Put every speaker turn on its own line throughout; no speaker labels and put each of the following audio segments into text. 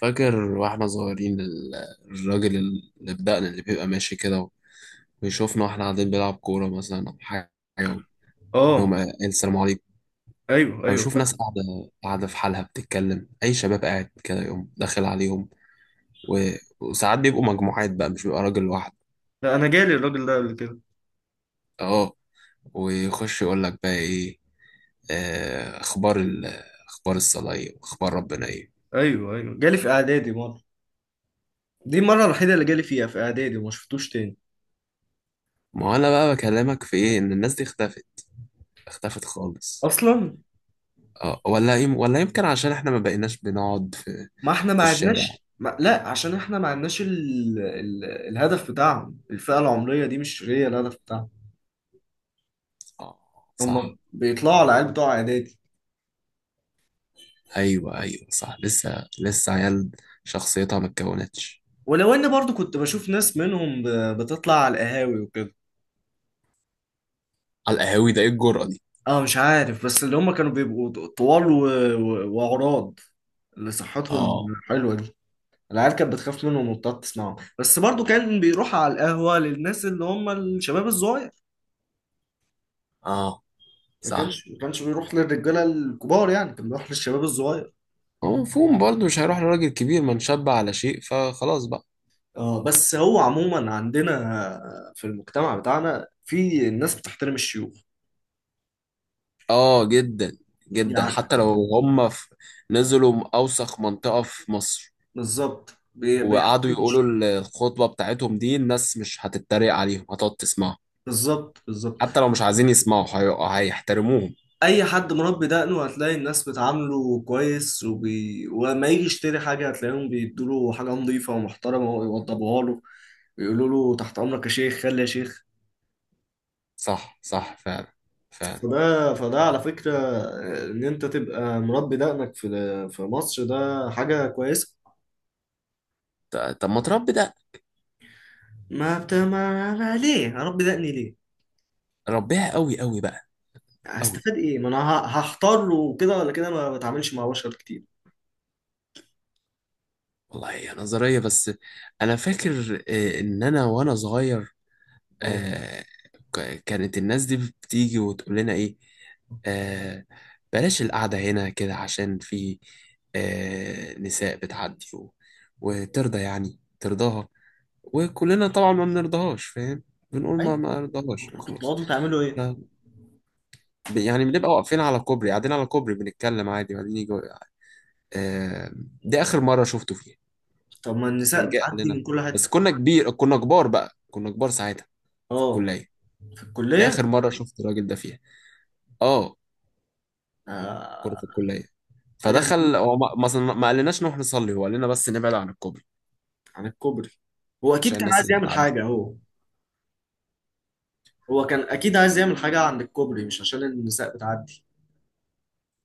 فاكر واحنا صغيرين الراجل اللي بدقنا اللي بيبقى ماشي كده ويشوفنا واحنا قاعدين بنلعب كورة مثلا أو حاجة يقوم
اه،
قايل السلام عليكم،
ايوه
أو
ايوه
يشوف
فاكر.
ناس قاعدة قاعدة في حالها بتتكلم أي شباب قاعد كده يقوم داخل عليهم، و... وساعات بيبقوا مجموعات بقى مش بيبقى راجل واحد.
لا، انا جالي الراجل ده قبل كده.
أه، ويخش يقول لك بقى إيه؟ آه، أخبار ال... أخبار الصلاة إيه وأخبار ربنا إيه؟
ايوه ايوه جالي في اعدادي مره، دي المره الوحيده اللي جالي فيها في اعدادي وما شفتوش تاني
ما هو أنا بقى بكلمك في إيه، إن الناس دي اختفت، اختفت خالص.
اصلا.
اه، ولا يمكن عشان احنا ما بقيناش بنقعد في
ما احنا
في
ما
الشارع.
عدناش ما... لا، عشان احنا ما عدناش الهدف بتاعهم، الفئه العمريه دي مش هي الهدف بتاعهم.
اه، صح.
هم بيطلعوا على العيال بتوع اعدادي.
ايوه ايوه، صح، لسه لسه عيال، شخصيتها ما اتكونتش.
ولو اني برضو كنت بشوف ناس منهم بتطلع على القهاوي وكده.
على القهاوي؟ ده ايه الجرأة دي؟
اه، مش عارف، بس اللي هم كانوا بيبقوا طوال وعراض، اللي صحتهم
اه،
حلوه. العيال كانت بتخاف منهم وبتقعد تسمعهم، بس برضو كان بيروح على القهوة للناس اللي هم الشباب الصغير.
اه
ما
صح.
كانش ما كانش بيروح للرجالة الكبار، يعني كان بيروح للشباب الصغير.
هو مفهوم برضه مش هيروح لراجل كبير ما نشب على شيء فخلاص بقى.
اه، بس هو عموما عندنا في المجتمع بتاعنا، في الناس بتحترم الشيوخ
اه، جدا، جدا،
يعني.
حتى لو هم في... نزلوا اوسخ منطقة في مصر
بالظبط،
وقعدوا
بيحترموا
يقولوا
الشيوخ.
الخطبة بتاعتهم دي، الناس مش هتتريق عليهم، هتقعد تسمعها.
بالظبط بالظبط،
حتى لو مش عايزين يسمعوا هيحترموهم.
اي حد مربي دقنه هتلاقي الناس بتعامله كويس، وما يجي يشتري حاجة هتلاقيهم بيدوله حاجة نظيفة ومحترمة ويوضبوها له، بيقولوا له تحت امرك يا شيخ، خلي يا شيخ.
صح صح، فعلا فعلا.
فده على فكرة، ان انت تبقى مربي دقنك في في مصر، ده حاجة كويسة.
طب ما تربي ده،
ما بت... ما ما ليه هربي دقني؟ ليه؟
ربيها قوي قوي بقى. قوي،
هستفاد ايه؟ ما انا هحتار وكده ولا كده، ما بتعاملش مع بشر كتير.
والله هي نظرية بس. أنا فاكر إن أنا وأنا صغير،
اه،
آه، كانت الناس دي بتيجي وتقول لنا إيه؟ آه، بلاش القعدة هنا كده عشان في نساء بتعدي وترضى يعني ترضاها، وكلنا طبعا ما بنرضاهاش، فاهم؟ بنقول ما
ايوه.
ما رضاهاش
كنتوا
خلاص.
بتقعدوا تعملوا ايه؟
يعني بنبقى واقفين على كوبري قاعدين على كوبري بنتكلم عادي وبعدين يجي. آه دي آخر مرة شفته فيها.
طب ما
كان
النساء
جه قال
بتعدي
لنا،
من كل
بس
حتة.
كنا كبار بقى، كنا كبار ساعتها، في
اه،
الكلية.
في
دي
الكلية.
آخر مرة شفت الراجل ده فيها. اه، كنا
آه...
في الكلية
حاجة.
فدخل هو، ما مثلا ما قالناش نروح نصلي، هو قال لنا بس نبعد عن الكوبري
عن الكوبري. هو اكيد
عشان
كان
الناس
عايز
اللي
يعمل
بتعدي.
حاجة هو. هو كان اكيد عايز يعمل حاجة عند الكوبري، مش عشان النساء بتعدي.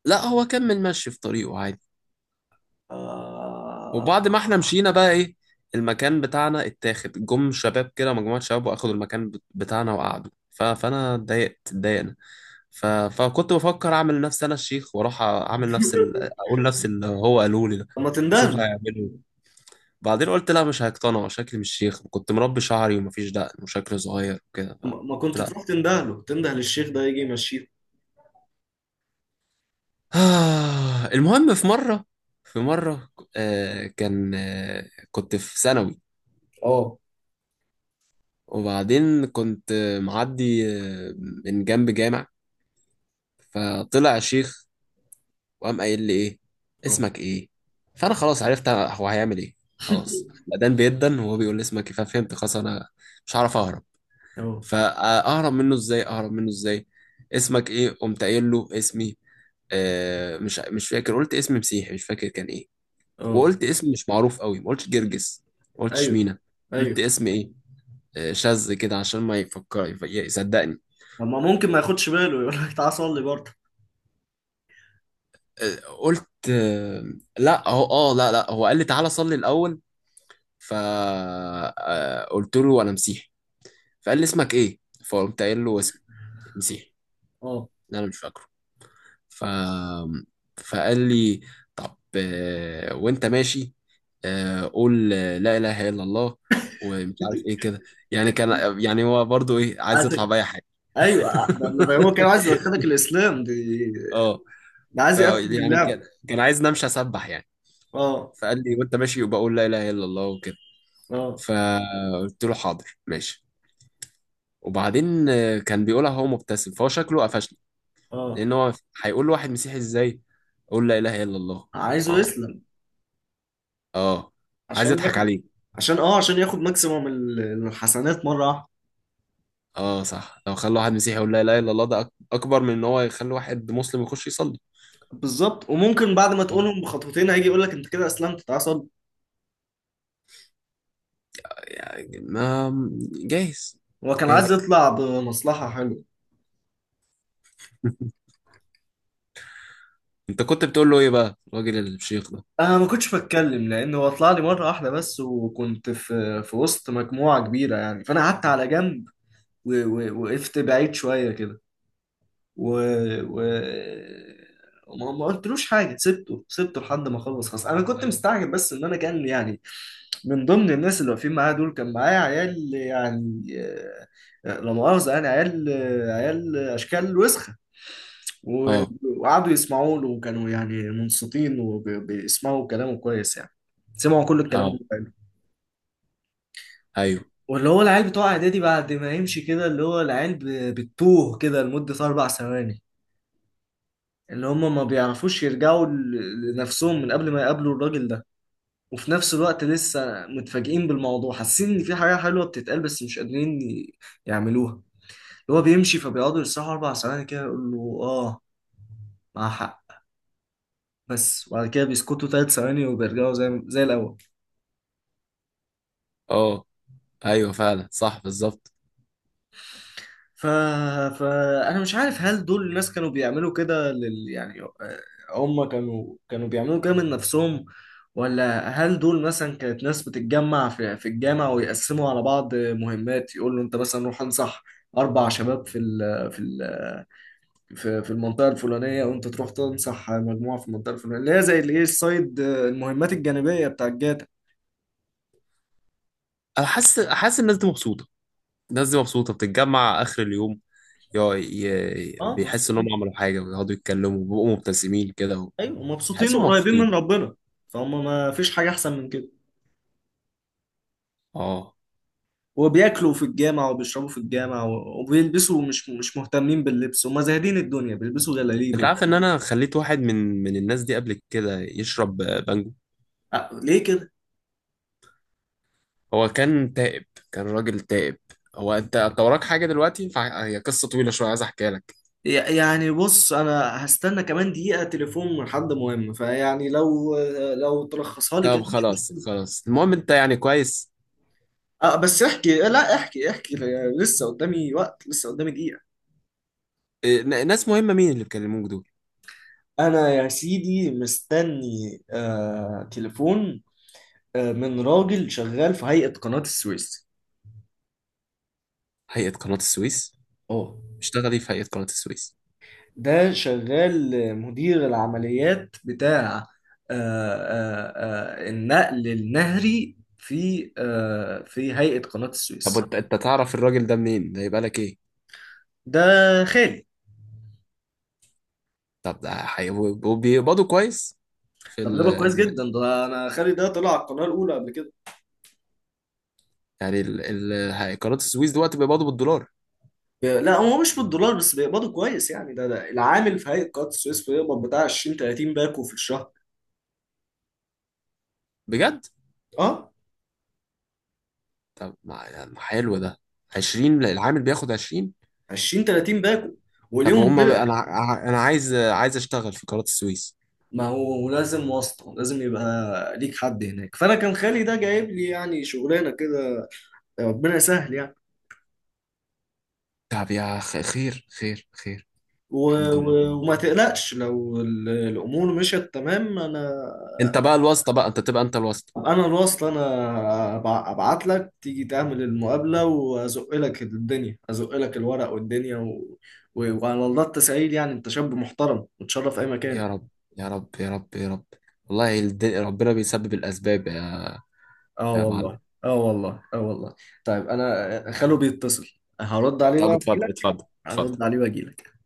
لا، هو كمل ماشي في طريقه عادي.
آه...
وبعد ما احنا مشينا بقى ايه، المكان بتاعنا اتاخد جم شباب كده، مجموعة شباب واخدوا المكان بتاعنا وقعدوا فانا اتضايقت، اتضايقنا. فكنت بفكر اعمل نفسي انا الشيخ واروح اعمل نفس اقول نفس اللي هو قالوا لي ده،
طب ما
اشوف
تندهله،
هيعملوا إيه. بعدين قلت لا، مش هيقتنعوا، شكلي مش شيخ، كنت مربي شعري ومفيش دقن وشكلي صغير وكده
ما
قلت
كنت
لا.
تروح تندهله، تندهل الشيخ ده يجي يمشيه.
المهم، في مره، في مره كان آه كنت في ثانوي،
اه.
وبعدين كنت معدي من جنب جامع فطلع شيخ، وقام قايل لي ايه؟
اه.
اسمك ايه؟ فانا خلاص عرفت هو هيعمل ايه، خلاص بدان بيدن، وهو بيقول لي اسمك ايه ففهمت خلاص انا مش هعرف اهرب،
اه.
فاهرب منه ازاي، اهرب منه ازاي؟ اسمك ايه؟ قمت قايل له اسمي، مش فاكر، قلت اسم مسيحي مش فاكر كان ايه،
اه.
وقلت اسم مش معروف قوي، ما قلتش جرجس، ما قلتش
ايوه
مينا،
ايوه.
قلت اسم ايه؟ شاذ كده عشان ما يفكر يصدقني.
طب ما ممكن ما ياخدش باله، يقول لك تعالى صلي برضه؟
قلت لا لا، هو قال لي تعالى صلي الاول، فقلت له انا مسيحي، فقال لي اسمك ايه؟ فقمت قايل له اسم مسيحي
اه.
إن انا مش فاكره. ف فقال لي طب وانت ماشي قول لا اله الا الله ومش عارف ايه كده. يعني كان، يعني هو برضو ايه، عايز يطلع
عايزك.
باي حاجه.
ايوه، ده هو كان عايز يدخلك الاسلام دي.
اه.
ده
ف
عايز يقفل
يعني
اللعبه.
كان عايز امشي اسبح يعني،
اه.
فقال لي وانت ماشي يبقى قول لا اله الا الله وكده.
اه.
فقلت له حاضر ماشي. وبعدين كان بيقولها هو مبتسم فهو شكله قفشني،
اه.
لان هو هيقول لواحد مسيحي ازاي قول لا اله الا الله.
عايزه
اه،
يسلم،
اه، عايز
عشان
يضحك
ياخد.
عليه.
عشان اه، عشان ياخد ماكسيموم الحسنات مره واحده.
اه صح، لو خلى واحد مسيحي يقول لا اله الا الله ده اكبر من ان هو يخلي واحد مسلم يخش يصلي.
بالظبط، وممكن بعد ما
طب،
تقولهم بخطوتين هيجي يقول لك انت كده اسلمت، تعالى صلي.
يعني ما، جايز،
هو كان عايز
جايز.
يطلع بمصلحة حلوة.
انت كنت بتقول له ايه بقى الراجل الشيخ ده؟
أنا ما كنتش بتكلم، لأن هو طلع لي مرة واحدة بس، وكنت في في وسط مجموعة كبيرة يعني، فأنا قعدت على جنب وقفت بعيد شوية كده و... و... وما ما قلتلوش حاجة، سبته لحد ما خلص، خلاص. أنا كنت مستعجب بس إن أنا كان يعني، من ضمن الناس اللي واقفين معايا دول كان معايا عيال يعني. لا مؤاخذة يعني عيال، عيال أشكال وسخة و-
اه،
وقعدوا يسمعوا له، وكانوا يعني منصتين وبيسمعوا كلامه كويس يعني، سمعوا كل الكلام اللي
اه،
قاله.
ايوه،
واللي هو العيال بتوع اعدادي بعد ما يمشي كده، اللي هو العيال بتوه كده لمدة أربع ثواني، اللي هم ما بيعرفوش يرجعوا لنفسهم من قبل ما يقابلوا الراجل ده، وفي نفس الوقت لسه متفاجئين بالموضوع، حاسين إن في حاجة حلوة بتتقال بس مش قادرين يعملوها. اللي هو بيمشي فبيقعدوا يسرحوا أربع ثواني كده، يقول له آه، مع حق بس. وبعد كده بيسكتوا ثلاث ثواني وبيرجعوا زي الأول.
اه، ايوه، فعلا، صح، بالظبط.
ف... فأنا مش عارف، هل دول الناس كانوا بيعملوا كده يعني آه، هم كانوا بيعملوا كده من نفسهم، ولا هل دول مثلا كانت ناس بتتجمع في الجامع ويقسموا على بعض مهمات، يقول له انت مثلا روح انصح أربع شباب في في المنطقة الفلانية، وانت تروح تنصح مجموعة في المنطقة الفلانية، اللي هي زي الايه، السايد المهمات الجانبية بتاع الجاتا.
انا حاسس حاسس الناس دي مبسوطه، الناس دي مبسوطه بتتجمع اخر اليوم،
اه،
بيحسوا انهم
مبسوطين.
عملوا حاجه ويقعدوا يتكلموا وبيبقوا مبتسمين كده.
ايوه مبسوطين
وحاسوا
وقريبين من
مبسوطين.
ربنا، فهم ما فيش حاجة أحسن من كده.
اه،
وبياكلوا في الجامع وبيشربوا في الجامع وبيلبسوا، مش مهتمين باللبس وما زاهدين الدنيا، بيلبسوا
انت
جلاليبو.
عارف ان انا خليت واحد من الناس دي قبل كده يشرب بانجو؟
ليه كده؟
هو كان تائب، كان راجل تائب. هو انت وراك حاجه دلوقتي، هي قصه طويله شويه عايز احكيها لك.
يعني بص، انا هستنى كمان دقيقة تليفون من حد مهم، فيعني لو لو تلخصها لي كده
طب
مش
خلاص
مشكلة.
خلاص، المهم انت يعني كويس.
أه بس احكي، لا احكي احكي، لسه قدامي وقت، لسه قدامي دقيقة.
إيه، ناس مهمه، مين اللي بيكلموك دول؟
انا يا سيدي مستني آه تليفون، آه، من راجل شغال في هيئة قناة السويس.
هيئه قناه السويس؟
اه،
اشتغلي في هيئه قناه السويس.
ده شغال مدير العمليات بتاع آه، آه، آه، النقل النهري في آه، في هيئة قناة
طب
السويس.
انت، انت تعرف الراجل ده منين، ده يبقى لك ايه؟
ده خالي.
طب ده وبيقبضوا كويس؟ في
ده بيقبض كويس
ال...
جدا، ده انا خالي ده طلع على القناة الأولى قبل كده.
يعني ال... ال... هي- قناة السويس دلوقتي بيقبضوا بالدولار؟
لا، هو مش بالدولار بس بيقبضوا كويس يعني، ده العامل في هيئة قناة السويس بيقبض بتاع 20 30 باكو في الشهر.
بجد؟
اه،
طب ما يعني حلو ده. 20، العامل بياخد 20؟
20 30 باكو،
طب
وليهم
هم
كده.
بقى، انا انا عايز اشتغل في قناة السويس.
ما هو لازم واسطة، لازم يبقى ليك حد هناك، فأنا كان خالي ده جايب لي يعني شغلانة كده، ربنا يسهل يعني.
طب يا خير خير خير.
و...
الحمد لله.
وما تقلقش، لو الامور مشيت تمام انا،
انت بقى الواسطة بقى، انت تبقى انت الواسطة.
انا الوصل انا، ابعت لك تيجي تعمل المقابله وازق لك الدنيا، ازق لك الورق والدنيا وعلى الله التسعيد يعني، انت شاب محترم وتشرف في اي مكان.
يا رب، يا رب، يا رب، يا رب. والله ربنا بيسبب الاسباب، يا
اه
يا معلم.
والله، اه والله، اه والله. طيب انا خلو بيتصل، هرد عليه بقى
طب اتفضل
واجيلك.
اتفضل اتفضل.
هرد عليه واجيلك.